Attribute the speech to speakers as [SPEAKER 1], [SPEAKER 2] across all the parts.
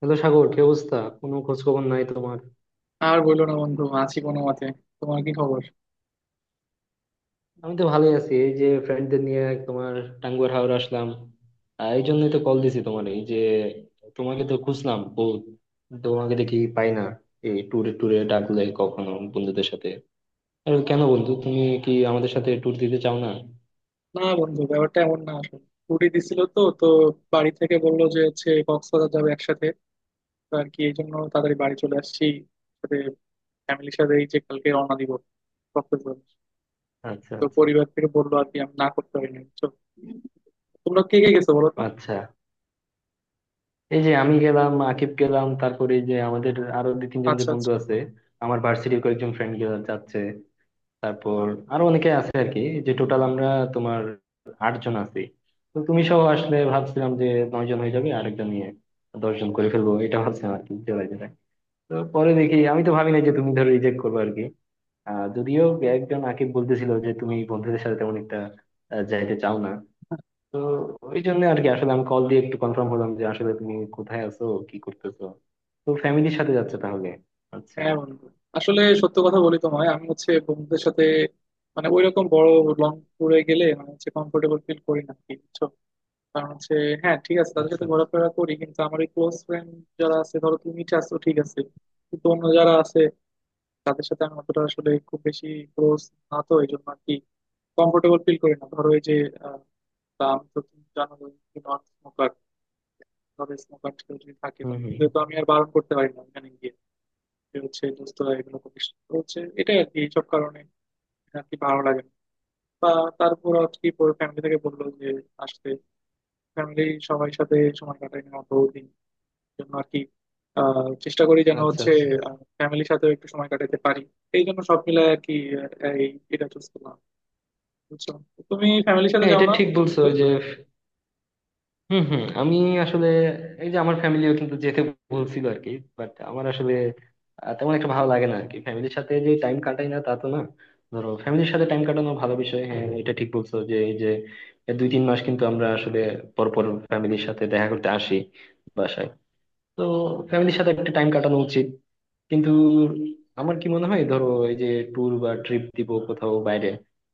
[SPEAKER 1] Hello Sagar, কি অবস্থা? কোনো খোঁজ খবর নাই তোমার?
[SPEAKER 2] আর বললো না বন্ধু, আছি কোনো মতে। তোমার কি খবর?
[SPEAKER 1] আমি তো ভালোই আছি। এই যে ফ্রেন্ডদের নিয়ে তোমার টাঙ্গুয়ার হাওর আসলাম। এই জন্যই তো কল দিছি তোমার। এই যে তোমাকে তো খুঁজলাম বহুত, তোমাকে দেখি পাই না। এই ট্যুরে ট্যুরে ডাকলে কখনো বন্ধুদের সাথে? আর কেন বন্ধু, তুমি কি আমাদের সাথে ট্যুর দিতে চাও না?
[SPEAKER 2] না বন্ধু, ব্যাপারটা এমন না। আসলে ছুটি দিছিল তো তো বাড়ি থেকে বললো যে হচ্ছে কক্সবাজার যাবে একসাথে। তো আর কি এই জন্য তাড়াতাড়ি বাড়ি চলে আসছি। সাথে ফ্যামিলির সাথে এই যে কালকে রওনা দিব কক্সবাজার।
[SPEAKER 1] আচ্ছা
[SPEAKER 2] তো
[SPEAKER 1] আচ্ছা
[SPEAKER 2] পরিবার থেকে বললো আর কি, আমি না করতে পারিনি বুঝছো? তোমরা কে কে গেছো বলো তো।
[SPEAKER 1] আচ্ছা। এই যে আমি গেলাম, আকিব গেলাম, তারপরে এই যে আমাদের আরো দুই তিনজন যে
[SPEAKER 2] আচ্ছা,
[SPEAKER 1] বন্ধু
[SPEAKER 2] আচ্ছা।
[SPEAKER 1] আছে। আমার ভার্সিটির কয়েকজন ফ্রেন্ড গেলাম, যাচ্ছে। তারপর আরো অনেকে আছে আর কি। যে টোটাল আমরা তোমার 8 জন আছি। তো তুমি সহ আসলে ভাবছিলাম যে 9 জন হয়ে যাবে, আরেকজন নিয়ে 10 জন করে ফেলবো, এটা ভাবছিলাম আর কি, জোড়ায় জোড়ায়। তো পরে দেখি, আমি তো ভাবি নাই যে তুমি ধরো রিজেক্ট করবে আর কি। আহ যদিও একজন, আকিব বলতেছিল যে তুমি বন্ধুদের সাথে তেমন একটা যাইতে চাও না। তো ওই জন্য আর কি, আসলে আমি কল দিয়ে একটু কনফার্ম হলাম যে আসলে তুমি কোথায় আছো, কি করতেছো। তো ফ্যামিলির সাথে যাচ্ছে তাহলে। আচ্ছা
[SPEAKER 2] হ্যাঁ বন্ধু, আসলে সত্য কথা বলি তোমায়, আমি হচ্ছে বন্ধুদের সাথে মানে ওইরকম বড় লং ট্যুরে গেলে মানে হচ্ছে কমফোর্টেবল ফিল করি না আর কি, বুঝছো? কারণ হচ্ছে হ্যাঁ ঠিক আছে তাদের
[SPEAKER 1] আচ্ছা
[SPEAKER 2] সাথে
[SPEAKER 1] আচ্ছা।
[SPEAKER 2] ঘোরাফেরা করি, কিন্তু আমার ওই ক্লোজ ফ্রেন্ড যারা আছে, ধরো তুমি আছো ঠিক আছে, কিন্তু অন্য যারা আছে তাদের সাথে আমি অতটা আসলে খুব বেশি ক্লোজ না। তো এই জন্য আর কি কমফোর্টেবল ফিল করি না ধরো এই যে। আহ, তা আমি তো তুমি জানো নন স্মোকার। ধরো স্মোকার যদি থাকে,
[SPEAKER 1] হম হম।
[SPEAKER 2] তাহলে তো আমি আর বারণ করতে পারি না ওখানে গিয়ে যে হচ্ছে দোস্তরা এগুলো করিস না। তো হচ্ছে এটাই আর কি এইসব কারণে আর কি ভালো লাগে না। বা তারপর আর কি ফ্যামিলি থেকে বললো যে আসতে, ফ্যামিলি সবাই সাথে সময় কাটাই না অত দিন জন্য আর কি। চেষ্টা করি যেন
[SPEAKER 1] আচ্ছা
[SPEAKER 2] হচ্ছে
[SPEAKER 1] আচ্ছা।
[SPEAKER 2] ফ্যামিলির সাথে একটু সময় কাটাতে পারি। এই জন্য সব মিলে আর কি এই এটা চুজ করলাম বুঝছো। তুমি ফ্যামিলির সাথে
[SPEAKER 1] হ্যাঁ
[SPEAKER 2] যাও
[SPEAKER 1] এটা
[SPEAKER 2] না?
[SPEAKER 1] ঠিক বলছো। ওই যে হুম হুম, আমি আসলে এই যে আমার ফ্যামিলিও কিন্তু যেতে বলছিল আর কি। বাট আমার আসলে তেমন একটা ভালো লাগে না আর কি। ফ্যামিলির সাথে যে টাইম কাটাই না তা তো না। ধরো ফ্যামিলির সাথে টাইম কাটানো ভালো বিষয়, হ্যাঁ এটা ঠিক বলছো। যে এই যে দুই তিন মাস কিন্তু আমরা আসলে পরপর ফ্যামিলির সাথে দেখা করতে আসি বাসায়। তো ফ্যামিলির সাথে একটা টাইম কাটানো উচিত। কিন্তু আমার কি মনে হয় ধরো, এই যে ট্যুর বা ট্রিপ দিব কোথাও বাইরে,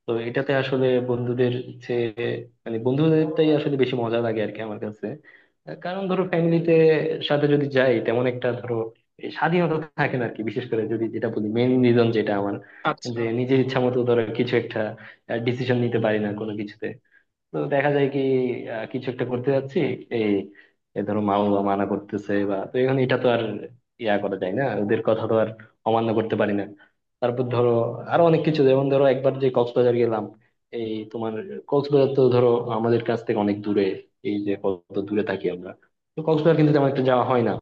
[SPEAKER 1] তো এটাতে আসলে বন্ধুদের চেয়ে, মানে বন্ধুদেরটাই আসলে বেশি মজা লাগে আর কি আমার কাছে। কারণ ধরো ফ্যামিলিতে সাথে যদি যাই তেমন একটা ধরো এই স্বাধীনতা থাকে না আর কি। বিশেষ করে যদি যেটা বলি, মেইন রিজন যেটা আমার,
[SPEAKER 2] আচ্ছা,
[SPEAKER 1] যে নিজের ইচ্ছা মতো ধরো কিছু একটা ডিসিশন নিতে পারি না কোনো কিছুতে। তো দেখা যায় কি, কিছু একটা করতে যাচ্ছি, এই এ ধরো মা বাবা মানা করতেছে, বা তো এখন এটা তো আর ইয়া করা যায় না। ওদের কথা তো আর অমান্য করতে পারি না। তারপর ধরো আরো অনেক কিছু। যেমন ধরো একবার যে কক্সবাজার গেলাম, এই তোমার কক্সবাজার তো ধরো আমাদের কাছ থেকে অনেক দূরে। এই যে কত দূরে থাকি আমরা। তো কক্সবাজার কিন্তু তেমন একটা যাওয়া হয় না।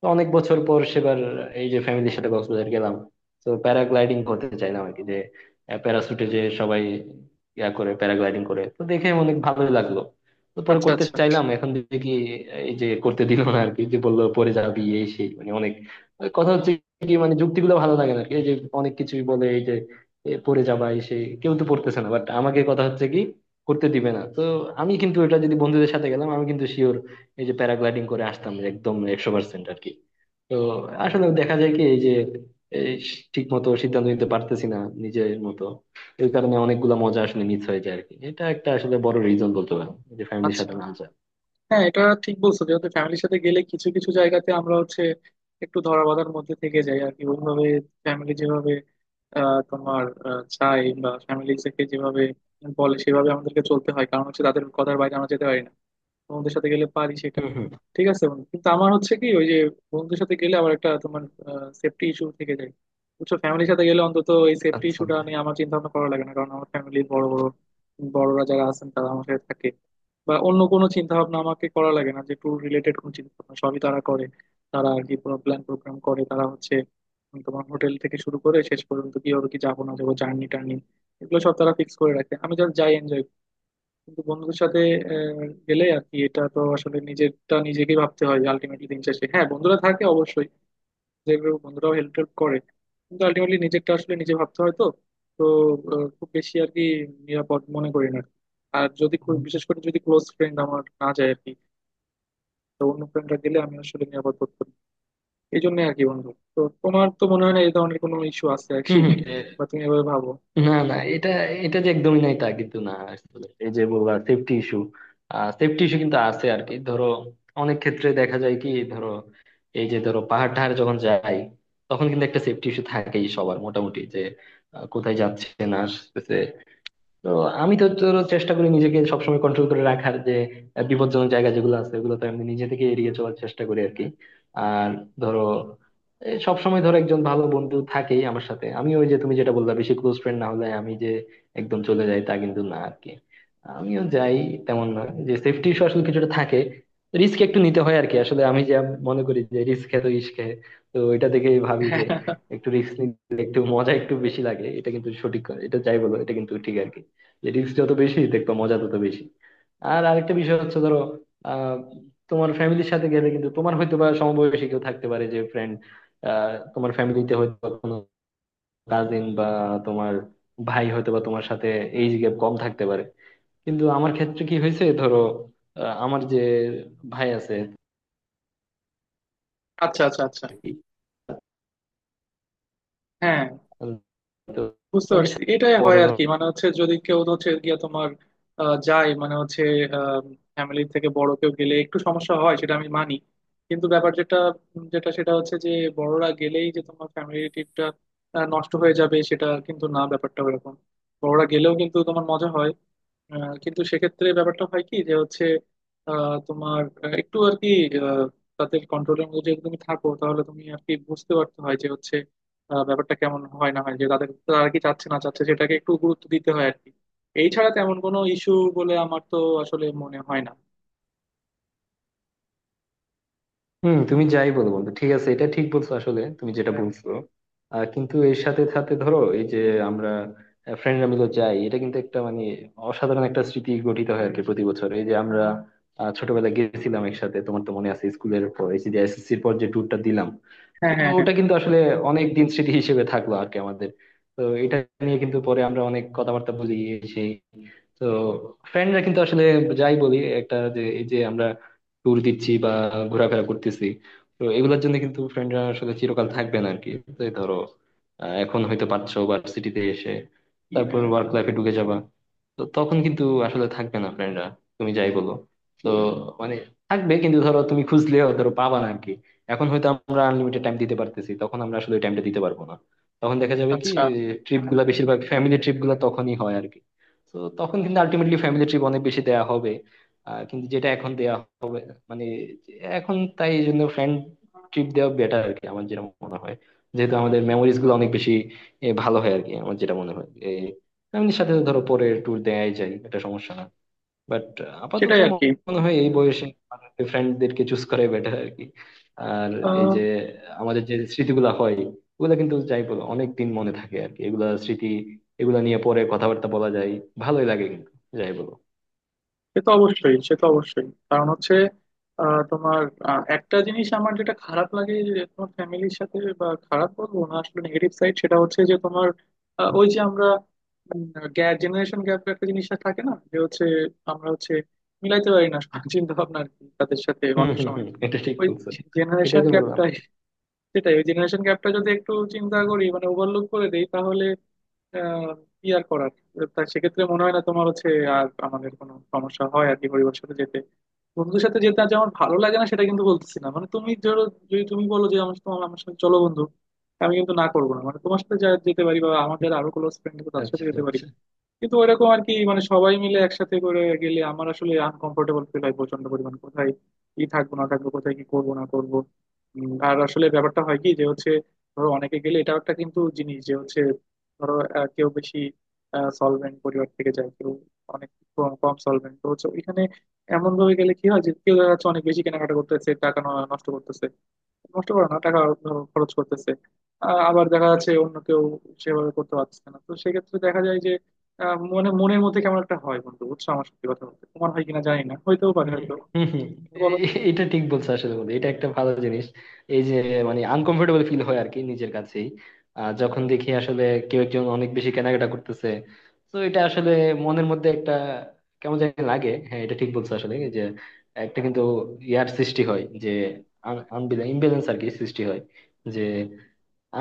[SPEAKER 1] তো অনেক বছর পর সেবার এই যে ফ্যামিলির সাথে কক্সবাজার গেলাম, তো প্যারাগ্লাইডিং করতে চাইলাম আর কি। যে প্যারাসুটে যে সবাই ইয়া করে প্যারাগ্লাইডিং করে, তো দেখে অনেক ভালোই লাগলো। তো পরে
[SPEAKER 2] আচ্ছা।
[SPEAKER 1] করতে
[SPEAKER 2] আচ্ছা,
[SPEAKER 1] চাইলাম, এখন দেখি এই যে করতে দিল না আর কি। যে বললো পরে যাবি, এই সেই, মানে অনেক ওই কথা হচ্ছে কি, মানে যুক্তিগুলো ভালো লাগে না আর কি। এই যে অনেক কিছুই বলে, এই যে পরে যাবা এই সেই, কেউ তো পড়তেছে না, বাট আমাকে কথা হচ্ছে কি, করতে দিবে না। তো আমি কিন্তু এটা যদি বন্ধুদের সাথে গেলাম, আমি কিন্তু শিওর এই যে প্যারাগ্লাইডিং করে আসতাম, একদম 100% আর কি। তো আসলে দেখা যায় কি এই যে, এই ঠিক মতো সিদ্ধান্ত নিতে পারতেছি না নিজের মতো। এই কারণে অনেকগুলা মজা আসলে মিস হয়ে যায় আরকি। এটা একটা আসলে বড় রিজন বলতে পারেন যে ফ্যামিলির
[SPEAKER 2] আচ্ছা।
[SPEAKER 1] সাথে না যাওয়া।
[SPEAKER 2] হ্যাঁ এটা ঠিক বলছো, যেহেতু ফ্যামিলির সাথে গেলে কিছু কিছু জায়গাতে আমরা হচ্ছে একটু ধরা বাঁধার মধ্যে থেকে যাই আর কি। ওইভাবে ফ্যামিলি যেভাবে তোমার চাই বা ফ্যামিলি থেকে যেভাবে বলে সেভাবে আমাদেরকে চলতে হয়, কারণ হচ্ছে তাদের কথার বাইরে আমরা যেতে পারি না। বন্ধুদের সাথে গেলে পারি সেটা।
[SPEAKER 1] হুম হুম।
[SPEAKER 2] ঠিক আছে বন্ধু, কিন্তু আমার হচ্ছে কি ওই যে বন্ধুদের সাথে গেলে আবার একটা তোমার সেফটি ইস্যু থেকে যায় বুঝছো। ফ্যামিলির সাথে গেলে অন্তত এই সেফটি
[SPEAKER 1] আচ্ছা।
[SPEAKER 2] ইস্যুটা নিয়ে আমার চিন্তা ভাবনা করা লাগে না, কারণ আমার ফ্যামিলির বড় বড় বড়রা যারা আছেন তারা আমার সাথে থাকে। বা অন্য কোনো চিন্তা ভাবনা আমাকে করা লাগে না, যে ট্যুর রিলেটেড কোনো চিন্তা ভাবনা সবই তারা করে। তারা আর কি পুরো প্ল্যান প্রোগ্রাম করে, তারা হচ্ছে তোমার হোটেল থেকে শুরু করে শেষ পর্যন্ত কি হবে কি যাবো না যাবো জার্নি টার্নি, এগুলো সব তারা ফিক্স করে রাখে। আমি জাস্ট যাই এনজয়। কিন্তু বন্ধুদের সাথে আহ, গেলে আর কি এটা তো আসলে নিজেরটা নিজেকে ভাবতে হয় যে আলটিমেটলি দিন শেষে হ্যাঁ বন্ধুরা থাকে অবশ্যই, যে গ্রুপ বন্ধুরাও হেল্প টেল্প করে, কিন্তু আলটিমেটলি নিজেরটা আসলে নিজে ভাবতে হয়। তো তো খুব বেশি আর কি নিরাপদ মনে করি না। আর যদি খুব বিশেষ করে যদি ক্লোজ ফ্রেন্ড আমার না যায় আর কি, তো অন্য ফ্রেন্ডরা গেলে আমি আসলে নিরাপদ বোধ করি। এই জন্য আর কি বন্ধু। তো তোমার তো মনে হয় না এই ধরনের কোনো ইস্যু আছে আর
[SPEAKER 1] হম
[SPEAKER 2] কি
[SPEAKER 1] হম।
[SPEAKER 2] বা তুমি এভাবে ভাবো?
[SPEAKER 1] না না, এটা, এটা যে একদমই নাই তা কিন্তু না। আসলে এই যে বলবা সেফটি ইস্যু, সেফটি ইস্যু কিন্তু আছে আর কি। ধরো অনেক ক্ষেত্রে দেখা যায় কি ধরো, এই যে ধরো পাহাড় টাহাড় যখন যাই, তখন কিন্তু একটা সেফটি ইস্যু থাকেই সবার মোটামুটি। যে কোথায় যাচ্ছে না আসতেছে। তো আমি তো তোর চেষ্টা করি নিজেকে সবসময় কন্ট্রোল করে রাখার। যে বিপজ্জনক জায়গা যেগুলো আছে ওগুলো তো আমি নিজে থেকে এড়িয়ে চলার চেষ্টা করি আর কি। আর ধরো এই সবসময় ধরো একজন ভালো বন্ধু থাকেই আমার সাথে। আমি ওই যে তুমি যেটা বললা, বেশি ক্লোজ ফ্রেন্ড না হলে আমি যে একদম চলে যাই তা কিন্তু না আর কি। আমিও যাই তেমন না। যে সেফটি ইস্যু আসলে কিছুটা থাকে, রিস্ক একটু নিতে হয় আর কি। আসলে আমি যা মনে করি যে রিস্ক হ্যাঁ তো ইস্ক হ্যাঁ। তো এটা দেখেই ভাবি যে একটু রিস্ক নিতে একটু মজা একটু বেশি লাগে। এটা কিন্তু সঠিক কথা। এটা যাই বলো এটা কিন্তু ঠিক আর কি, যে রিস্ক যত বেশি দেখবা, মজা তত বেশি। আর আরেকটা বিষয় হচ্ছে ধরো, আহ, তোমার ফ্যামিলির সাথে গেলে কিন্তু তোমার হয়তো বা সমবয়সী কেউ থাকতে পারে যে ফ্রেন্ড। আহ তোমার ফ্যামিলিতে হয়তো বা কোনো কাজিন বা তোমার ভাই হয়তো বা তোমার সাথে এইজ গ্যাপ কম থাকতে পারে। কিন্তু আমার ক্ষেত্রে কি হয়েছে ধরো, আমার যে ভাই আছে
[SPEAKER 2] আচ্ছা, আচ্ছা, আচ্ছা।
[SPEAKER 1] আর কি,
[SPEAKER 2] হ্যাঁ
[SPEAKER 1] তো
[SPEAKER 2] বুঝতে
[SPEAKER 1] ওদের
[SPEAKER 2] পারছি
[SPEAKER 1] সাথে
[SPEAKER 2] এটাই
[SPEAKER 1] বড়
[SPEAKER 2] হয় আর কি,
[SPEAKER 1] ধরনের।
[SPEAKER 2] মানে হচ্ছে যদি কেউ হচ্ছে গিয়ে তোমার যায় মানে হচ্ছে ফ্যামিলি থেকে বড় কেউ গেলে একটু সমস্যা হয়, সেটা আমি মানি। কিন্তু ব্যাপার যেটা যেটা সেটা হচ্ছে যে বড়রা গেলেই যে তোমার ফ্যামিলি ট্রিপটা নষ্ট হয়ে যাবে সেটা কিন্তু না, ব্যাপারটা ওরকম। বড়রা গেলেও কিন্তু তোমার মজা হয়। কিন্তু সেক্ষেত্রে ব্যাপারটা হয় কি যে হচ্ছে তোমার একটু আর কি আহ, তাদের কন্ট্রোলের মধ্যে যদি তুমি থাকো তাহলে তুমি আর কি বুঝতে পারতে হয় যে হচ্ছে ব্যাপারটা কেমন হয় না হয় যে তাদের, তারা কি চাচ্ছে না চাচ্ছে সেটাকে একটু গুরুত্ব দিতে হয় আর কি। এই ছাড়া তেমন কোনো ইস্যু বলে আমার তো আসলে মনে হয় না।
[SPEAKER 1] হুম তুমি যাই বলো বন্ধু, ঠিক আছে, এটা ঠিক বলছো আসলে তুমি যেটা বলছো। কিন্তু এর সাথে সাথে ধরো এই যে আমরা ফ্রেন্ডরা মিলে যাই, এটা কিন্তু একটা মানে অসাধারণ একটা স্মৃতি গঠিত হয় আর কি। প্রতি বছর এই যে আমরা ছোটবেলায় গেছিলাম একসাথে, তোমার তো মনে আছে স্কুলের পর এই যে এসএসসির পর যে ট্যুরটা দিলাম।
[SPEAKER 2] হ্যাঁ,
[SPEAKER 1] তো
[SPEAKER 2] হ্যাঁ, হ্যাঁ।
[SPEAKER 1] ওটা কিন্তু আসলে অনেক দিন স্মৃতি হিসেবে থাকলো আর কি আমাদের। তো এটা নিয়ে কিন্তু পরে আমরা অনেক কথাবার্তা বলি এই সেই। তো ফ্রেন্ডরা কিন্তু আসলে যাই বলি, একটা যে এই যে আমরা ট্যুর দিচ্ছি বা ঘোরাফেরা করতেছি, তো এগুলোর জন্য কিন্তু ফ্রেন্ডরা আসলে চিরকাল থাকবে না আর কি। তো এই ধরো এখন হয়তো পারছো ভার্সিটিতে এসে, তারপর ওয়ার্ক লাইফে ঢুকে যাবা, তো তখন কিন্তু আসলে থাকবে না ফ্রেন্ডরা, তুমি যাই বলো। তো মানে থাকবে, কিন্তু ধরো তুমি খুঁজলেও ধরো পাবা না আর কি। এখন হয়তো আমরা আনলিমিটেড টাইম দিতে পারতেছি, তখন আমরা আসলে ওই টাইমটা দিতে পারবো না। তখন দেখা যাবে কি,
[SPEAKER 2] আচ্ছা,
[SPEAKER 1] ট্রিপ গুলা বেশিরভাগ ফ্যামিলি ট্রিপ গুলা তখনই হয় আর কি। তো তখন কিন্তু আলটিমেটলি ফ্যামিলি ট্রিপ অনেক বেশি দেয়া হবে। কিন্তু যেটা এখন দেয়া হবে মানে, এখন তাই এই জন্য ফ্রেন্ড ট্রিপ দেওয়া বেটার আর কি আমার যেটা মনে হয়। যেহেতু আমাদের মেমোরিজ গুলো অনেক বেশি ভালো হয় আর কি আমার যেটা মনে হয়। ফ্যামিলির সাথে তো ধরো পরে ট্যুর দেয়াই যায়, এটা সমস্যা না। বাট আপাতত
[SPEAKER 2] সেটাই আর কি।
[SPEAKER 1] মনে হয় এই বয়সে ফ্রেন্ডদেরকে চুজ করাই বেটার আর কি। আর এই যে আমাদের যে স্মৃতিগুলো হয়, ওগুলা কিন্তু যাই বলো অনেক দিন মনে থাকে আর কি। এগুলা স্মৃতি, এগুলা নিয়ে পরে কথাবার্তা বলা যায়, ভালোই লাগে কিন্তু যাই বলো।
[SPEAKER 2] সে তো অবশ্যই, সে তো অবশ্যই। কারণ হচ্ছে তোমার একটা জিনিস আমার যেটা খারাপ লাগে যে তোমার ফ্যামিলির সাথে, বা খারাপ বলবো না আসলে নেগেটিভ সাইড সেটা হচ্ছে যে তোমার ওই যে আমরা গ্যাপ জেনারেশন গ্যাপ একটা জিনিসটা থাকে না যে হচ্ছে আমরা হচ্ছে মিলাইতে পারি না চিন্তা ভাবনা আর কি তাদের সাথে
[SPEAKER 1] হম
[SPEAKER 2] অনেক
[SPEAKER 1] হম
[SPEAKER 2] সময়।
[SPEAKER 1] হম। এটা ঠিক
[SPEAKER 2] ওই
[SPEAKER 1] বলছো। এটাই
[SPEAKER 2] জেনারেশন
[SPEAKER 1] তো বললাম।
[SPEAKER 2] গ্যাপটাই। সেটাই, ওই জেনারেশন গ্যাপটা যদি একটু চিন্তা করি মানে ওভারলুক করে দেই, তাহলে আহ, কি আর করার। তা সেক্ষেত্রে মনে হয় না তোমার হচ্ছে আর আমাদের কোনো সমস্যা হয় আর কি পরিবারের সাথে যেতে। বন্ধুদের সাথে যেতে আজ আমার ভালো লাগে না সেটা কিন্তু বলতেছি না, মানে তুমি ধরো যদি তুমি বলো যে আমার তোমার আমার সাথে চলো বন্ধু, আমি কিন্তু না করবো না, মানে তোমার সাথে যা যেতে পারি বা আমাদের আরো ক্লোজ ফ্রেন্ড তাদের সাথে
[SPEAKER 1] আচ্ছা
[SPEAKER 2] যেতে পারি।
[SPEAKER 1] আচ্ছা।
[SPEAKER 2] কিন্তু ওইরকম আর কি মানে সবাই মিলে একসাথে করে গেলে আমার আসলে আনকমফোর্টেবল ফিল হয় প্রচন্ড পরিমাণ। কোথায় কি থাকবো না থাকবো, কোথায় কি করবো না করবো। আর আসলে ব্যাপারটা হয় কি যে হচ্ছে ধরো অনেকে গেলে এটাও একটা কিন্তু জিনিস যে হচ্ছে, ধরো কেউ বেশি সলভেন্ট পরিবার থেকে যায়, কেউ অনেক কম কম সলভেন্ট তো হচ্ছে ওইখানে। এমন ভাবে গেলে কি হয় যে কেউ দেখা যাচ্ছে অনেক বেশি কেনাকাটা করতেছে, টাকা নষ্ট করতেছে। নষ্ট করে না টাকা, ধরো খরচ করতেছে। আবার দেখা যাচ্ছে অন্য কেউ সেভাবে করতে পারছে না। তো সেক্ষেত্রে দেখা যায় যে মনে মনের মধ্যে কেমন একটা হয় বন্ধু বুঝছো আমার। সত্যি কথা বলতে তোমার হয় কিনা জানি না, হইতেও পারে
[SPEAKER 1] হম
[SPEAKER 2] হয়তো।
[SPEAKER 1] হম হম।
[SPEAKER 2] একটু
[SPEAKER 1] এ-
[SPEAKER 2] বলো তো।
[SPEAKER 1] এটা ঠিক বলছো আসলে বন্ধু, এটা একটা ভালো জিনিস। এই যে মানে আনকমফোর্টেবল ফিল হয় আর কি নিজের কাছেই, যখন দেখি আসলে কেউ একজন অনেক বেশি কেনাকাটা করতেছে। তো এটা আসলে মনের মধ্যে একটা কেমন জানি লাগে। হ্যাঁ এটা ঠিক বলছো আসলে। এই যে একটা কিন্তু ইয়ার সৃষ্টি হয়, যে ইমব্যালেন্স আর কি সৃষ্টি হয়। যে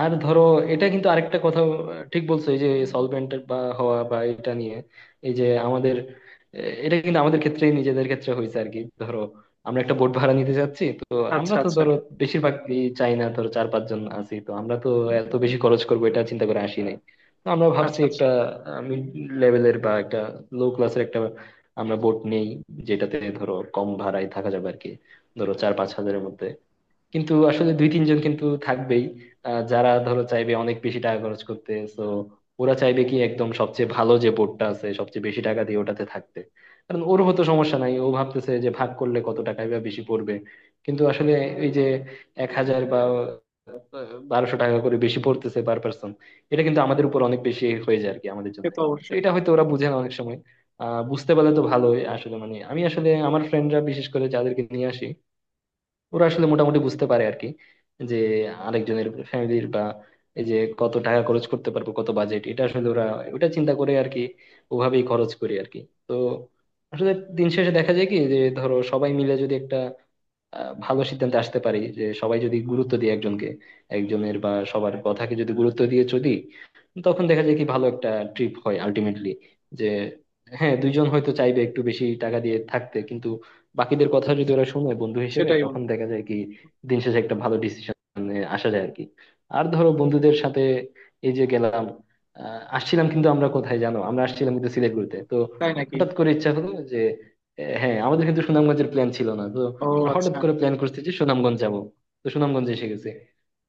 [SPEAKER 1] আর ধরো এটা কিন্তু আরেকটা কথা, ঠিক বলছো এই যে সলভেন্ট বা হওয়া বা এটা নিয়ে। এই যে আমাদের এটা কিন্তু আমাদের ক্ষেত্রে নিজেদের ক্ষেত্রে হয়েছে আর কি। ধরো আমরা একটা বোট ভাড়া নিতে যাচ্ছি। তো
[SPEAKER 2] আচ্ছা,
[SPEAKER 1] আমরা তো
[SPEAKER 2] আচ্ছা।
[SPEAKER 1] ধরো বেশিরভাগ চাই না, ধরো চার পাঁচ জন আছি তো আমরা তো এত বেশি খরচ করবো এটা চিন্তা করে আসি নাই। তো আমরা ভাবছি
[SPEAKER 2] আচ্ছা, আচ্ছা।
[SPEAKER 1] একটা মিড লেভেলের বা একটা লো ক্লাসের একটা আমরা বোট নেই, যেটাতে ধরো কম ভাড়ায় থাকা যাবে আর কি, ধরো চার পাঁচ হাজারের মধ্যে। কিন্তু আসলে দুই তিনজন কিন্তু থাকবেই, যারা ধরো চাইবে অনেক বেশি টাকা খরচ করতে। তো ওরা চাইবে কি, একদম সবচেয়ে ভালো যে বোর্ডটা আছে সবচেয়ে বেশি টাকা দিয়ে ওটাতে থাকতে। কারণ ওর হতো সমস্যা নাই, ও ভাবতেছে যে ভাগ করলে কত টাকাই বা বেশি পড়বে। কিন্তু আসলে এই যে 1,000 বা 1,200 টাকা করে বেশি পড়তেছে পার পার্সন, এটা কিন্তু আমাদের উপর অনেক বেশি হয়ে যায় আর কি আমাদের
[SPEAKER 2] সে
[SPEAKER 1] জন্য।
[SPEAKER 2] তো
[SPEAKER 1] তো
[SPEAKER 2] অবশ্যই।
[SPEAKER 1] এটা হয়তো ওরা বুঝে না অনেক সময়। আহ বুঝতে পারলে তো ভালোই। আসলে মানে আমি আসলে আমার ফ্রেন্ডরা, বিশেষ করে যাদেরকে নিয়ে আসি, ওরা আসলে মোটামুটি বুঝতে পারে আর কি। যে আরেকজনের ফ্যামিলির বা এই যে কত টাকা খরচ করতে পারবো কত বাজেট, এটা আসলে ওরা ওটা চিন্তা করে আর কি, ওভাবেই খরচ করি আর কি। তো আসলে দিন শেষে দেখা যায় কি, যে ধরো সবাই মিলে যদি একটা ভালো সিদ্ধান্তে আসতে পারি, যে সবাই যদি গুরুত্ব দিয়ে একজনকে, একজনের বা সবার কথাকে যদি গুরুত্ব দিয়ে চলি, তখন দেখা যায় কি ভালো একটা ট্রিপ হয় আলটিমেটলি। যে হ্যাঁ দুইজন হয়তো চাইবে একটু বেশি টাকা দিয়ে থাকতে, কিন্তু বাকিদের কথা যদি ওরা শুনে বন্ধু হিসেবে,
[SPEAKER 2] সেটাই
[SPEAKER 1] তখন
[SPEAKER 2] বন্ধু।
[SPEAKER 1] দেখা যায় কি দিন শেষে একটা ভালো ডিসিশনে আসা যায় আর কি। আর ধরো বন্ধুদের সাথে এই যে গেলাম, আসছিলাম কিন্তু আমরা কোথায় জানো, আমরা আসছিলাম কিন্তু সিলেট ঘুরতে। তো
[SPEAKER 2] তাই নাকি?
[SPEAKER 1] হঠাৎ করে ইচ্ছা হলো যে, হ্যাঁ আমাদের কিন্তু সুনামগঞ্জের প্ল্যান ছিল না। তো
[SPEAKER 2] ও
[SPEAKER 1] ওরা হঠাৎ
[SPEAKER 2] আচ্ছা।
[SPEAKER 1] করে প্ল্যান করছে যে সুনামগঞ্জ যাবো, তো সুনামগঞ্জে এসে গেছে।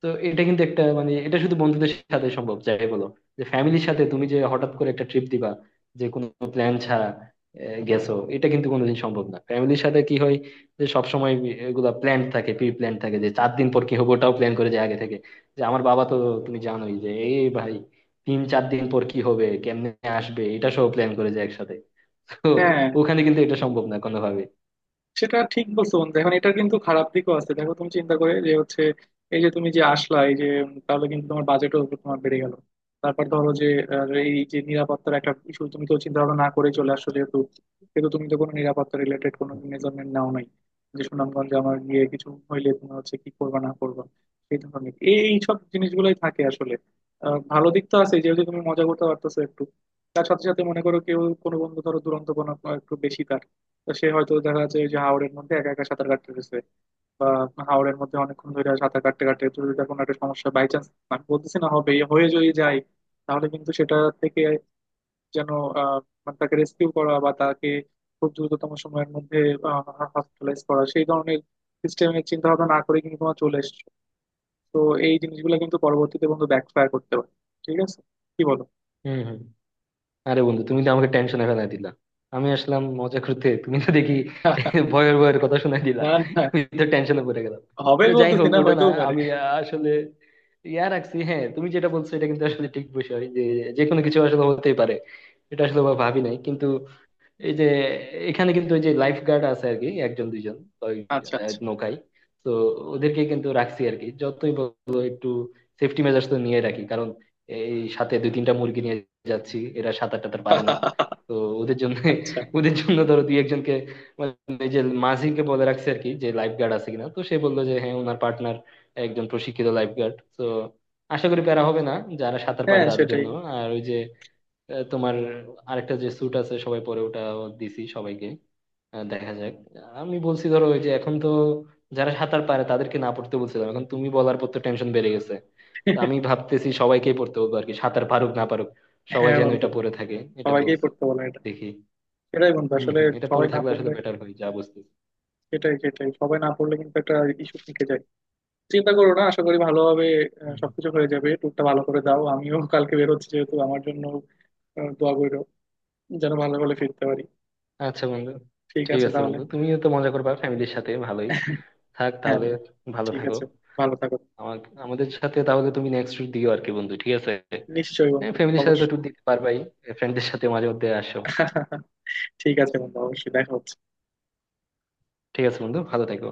[SPEAKER 1] তো এটা কিন্তু একটা মানে এটা শুধু বন্ধুদের সাথে সম্ভব যাই বলো। যে ফ্যামিলির সাথে তুমি যে হঠাৎ করে একটা ট্রিপ দিবা, যে কোনো প্ল্যান ছাড়া গেছো, এটা কিন্তু কোনোদিন সম্ভব না। ফ্যামিলির সাথে কি হয়, যে সবসময় এগুলা প্ল্যান থাকে, প্রি প্ল্যান থাকে, যে চার দিন পর কি হবে ওটাও প্ল্যান করে যায় আগে থেকে। যে আমার বাবা তো, তুমি জানোই যে এই ভাই তিন চার দিন পর কি হবে, কেমনে আসবে, এটা সব প্ল্যান করে যায় একসাথে। তো
[SPEAKER 2] হ্যাঁ
[SPEAKER 1] ওখানে কিন্তু এটা সম্ভব না কোনোভাবে।
[SPEAKER 2] সেটা ঠিক বলছো বন্ধু। এখন এটা কিন্তু খারাপ দিকও আছে, দেখো তুমি চিন্তা করে যে হচ্ছে এই যে তুমি যে আসলা এই যে তাহলে কিন্তু তোমার বাজেটও তোমার বেড়ে গেল। তারপর ধরো যে এই যে নিরাপত্তার একটা ইস্যু, তুমি তো চিন্তা ভাবনা না করে চলে আসছো যেহেতু, কিন্তু তুমি তো কোনো নিরাপত্তা রিলেটেড কোনো মেজারমেন্ট নাও নাই, যে সুনামগঞ্জে আমার গিয়ে কিছু হইলে তুমি হচ্ছে কি করবা না করবা, এই ধরনের এই সব জিনিসগুলোই থাকে আসলে। ভালো দিক তো আছে যেহেতু তুমি মজা করতে পারতেছো একটু। তার সাথে সাথে মনে করো কেউ কোনো বন্ধু ধরো দুরন্ত কোনো একটু বেশি তার, তো সে হয়তো দেখা যাচ্ছে ওই যে হাওরের মধ্যে একা একা সাঁতার কাটতে গেছে, বা হাওরের মধ্যে অনেকক্ষণ ধরে সাঁতার কাটতে কাটতে, তো যদি তার কোনো একটা সমস্যা বাই চান্স। আমি বলতেছি না হবে, হয়ে যদি যায়, তাহলে কিন্তু সেটা থেকে যেন আহ মানে তাকে রেস্কিউ করা বা তাকে খুব দ্রুততম সময়ের মধ্যে হসপিটালাইজ করা সেই ধরনের সিস্টেমের চিন্তা ভাবনা না করে কিন্তু তোমার চলে এসেছো। তো এই জিনিসগুলো কিন্তু পরবর্তীতে বন্ধু ব্যাকফায়ার করতে পারে। ঠিক আছে, কি বলো?
[SPEAKER 1] হম। আরে বন্ধু তুমি তো আমাকে টেনশনে ফেলাই দিলা। আমি আসলাম মজা করতে, তুমি তো দেখি ভয়ের ভয়ের কথা শুনাই দিলা।
[SPEAKER 2] না, না।
[SPEAKER 1] আমি তো টেনশনে পড়ে গেলাম। তো
[SPEAKER 2] হবেই
[SPEAKER 1] যাই
[SPEAKER 2] বলতেছি
[SPEAKER 1] হোক
[SPEAKER 2] না,
[SPEAKER 1] ওটা না,
[SPEAKER 2] হইতেও পারে।
[SPEAKER 1] আমি আসলে ইয়া রাখছি। হ্যাঁ তুমি যেটা বলছো এটা কিন্তু আসলে ঠিক বিষয়, যে যে কোনো কিছু আসলে হতেই পারে, এটা আসলে ভাবি নাই কিন্তু। এই যে এখানে কিন্তু ওই যে লাইফ গার্ড আছে আর কি একজন দুইজন, ওই,
[SPEAKER 2] আচ্ছা, আচ্ছা।
[SPEAKER 1] নৌকায়। তো ওদেরকে কিন্তু রাখছি আর কি, যতই বলো একটু সেফটি মেজার্স তো নিয়ে রাখি। কারণ এই সাথে দুই তিনটা মুরগি নিয়ে যাচ্ছি, এরা সাঁতার টাতার পারে না। তো ওদের জন্য
[SPEAKER 2] আচ্ছা।
[SPEAKER 1] ওদের জন্য ধরো দুই একজনকে মানে এই যে মাঝিকে বলে রাখছে আর কি, যে লাইফ গার্ড আছে কিনা। তো সে বললো যে হ্যাঁ, ওনার পার্টনার একজন প্রশিক্ষিত লাইফ গার্ড। তো আশা করি প্যারা হবে না যারা সাঁতার পারে
[SPEAKER 2] হ্যাঁ
[SPEAKER 1] তাদের
[SPEAKER 2] সেটাই।
[SPEAKER 1] জন্য। আর ওই যে তোমার আরেকটা যে স্যুট আছে সবাই পরে, ওটা দিছি সবাইকে। দেখা যাক। আমি বলছি ধরো ওই যে এখন তো যারা সাঁতার পারে তাদেরকে না পড়তে বলছিলাম, এখন তুমি বলার পর তো টেনশন বেড়ে গেছে। তো আমি ভাবতেছি সবাইকেই পড়তে বলবো আর কি, সাঁতার পারুক না পারুক সবাই
[SPEAKER 2] হ্যাঁ
[SPEAKER 1] যেন
[SPEAKER 2] বন্ধু,
[SPEAKER 1] এটা পরে থাকে, এটা
[SPEAKER 2] সবাইকেই
[SPEAKER 1] বলছি,
[SPEAKER 2] পড়তে বলে এটা।
[SPEAKER 1] দেখি।
[SPEAKER 2] সেটাই বন্ধু
[SPEAKER 1] হম
[SPEAKER 2] আসলে,
[SPEAKER 1] হম এটা পরে
[SPEAKER 2] সবাই না
[SPEAKER 1] থাকলে আসলে
[SPEAKER 2] পড়লে।
[SPEAKER 1] বেটার হয় যা বুঝতেছি।
[SPEAKER 2] সেটাই, সেটাই, সবাই না পড়লে কিন্তু একটা ইস্যু থেকে যায়। চিন্তা করো না, আশা করি ভালোভাবে
[SPEAKER 1] হুম, হুম।
[SPEAKER 2] সবকিছু হয়ে যাবে। ট্যুরটা ভালো করে দাও, আমিও কালকে বেরোচ্ছি যেহেতু। আমার জন্য দোয়া করো যেন ভালো করে ফিরতে পারি।
[SPEAKER 1] আচ্ছা বন্ধু,
[SPEAKER 2] ঠিক
[SPEAKER 1] ঠিক
[SPEAKER 2] আছে
[SPEAKER 1] আছে
[SPEAKER 2] তাহলে।
[SPEAKER 1] বন্ধু, তুমিও তো মজা করবা ফ্যামিলির সাথে, ভালোই থাক
[SPEAKER 2] হ্যাঁ
[SPEAKER 1] তাহলে।
[SPEAKER 2] বন্ধু।
[SPEAKER 1] ভালো
[SPEAKER 2] ঠিক
[SPEAKER 1] থাকো।
[SPEAKER 2] আছে, ভালো থাকো।
[SPEAKER 1] আমার আমাদের সাথে তাহলে তুমি নেক্সট উইক দিও আর কি বন্ধু, ঠিক আছে?
[SPEAKER 2] নিশ্চয়ই বন্ধু,
[SPEAKER 1] ফ্যামিলির সাথে তো
[SPEAKER 2] অবশ্যই।
[SPEAKER 1] ট্যুর দিতে পারবাই, ফ্রেন্ডদের সাথে মাঝে মধ্যে আসো।
[SPEAKER 2] ঠিক আছে বন্ধু, অবশ্যই দেখো।
[SPEAKER 1] ঠিক আছে বন্ধু, ভালো থেকো।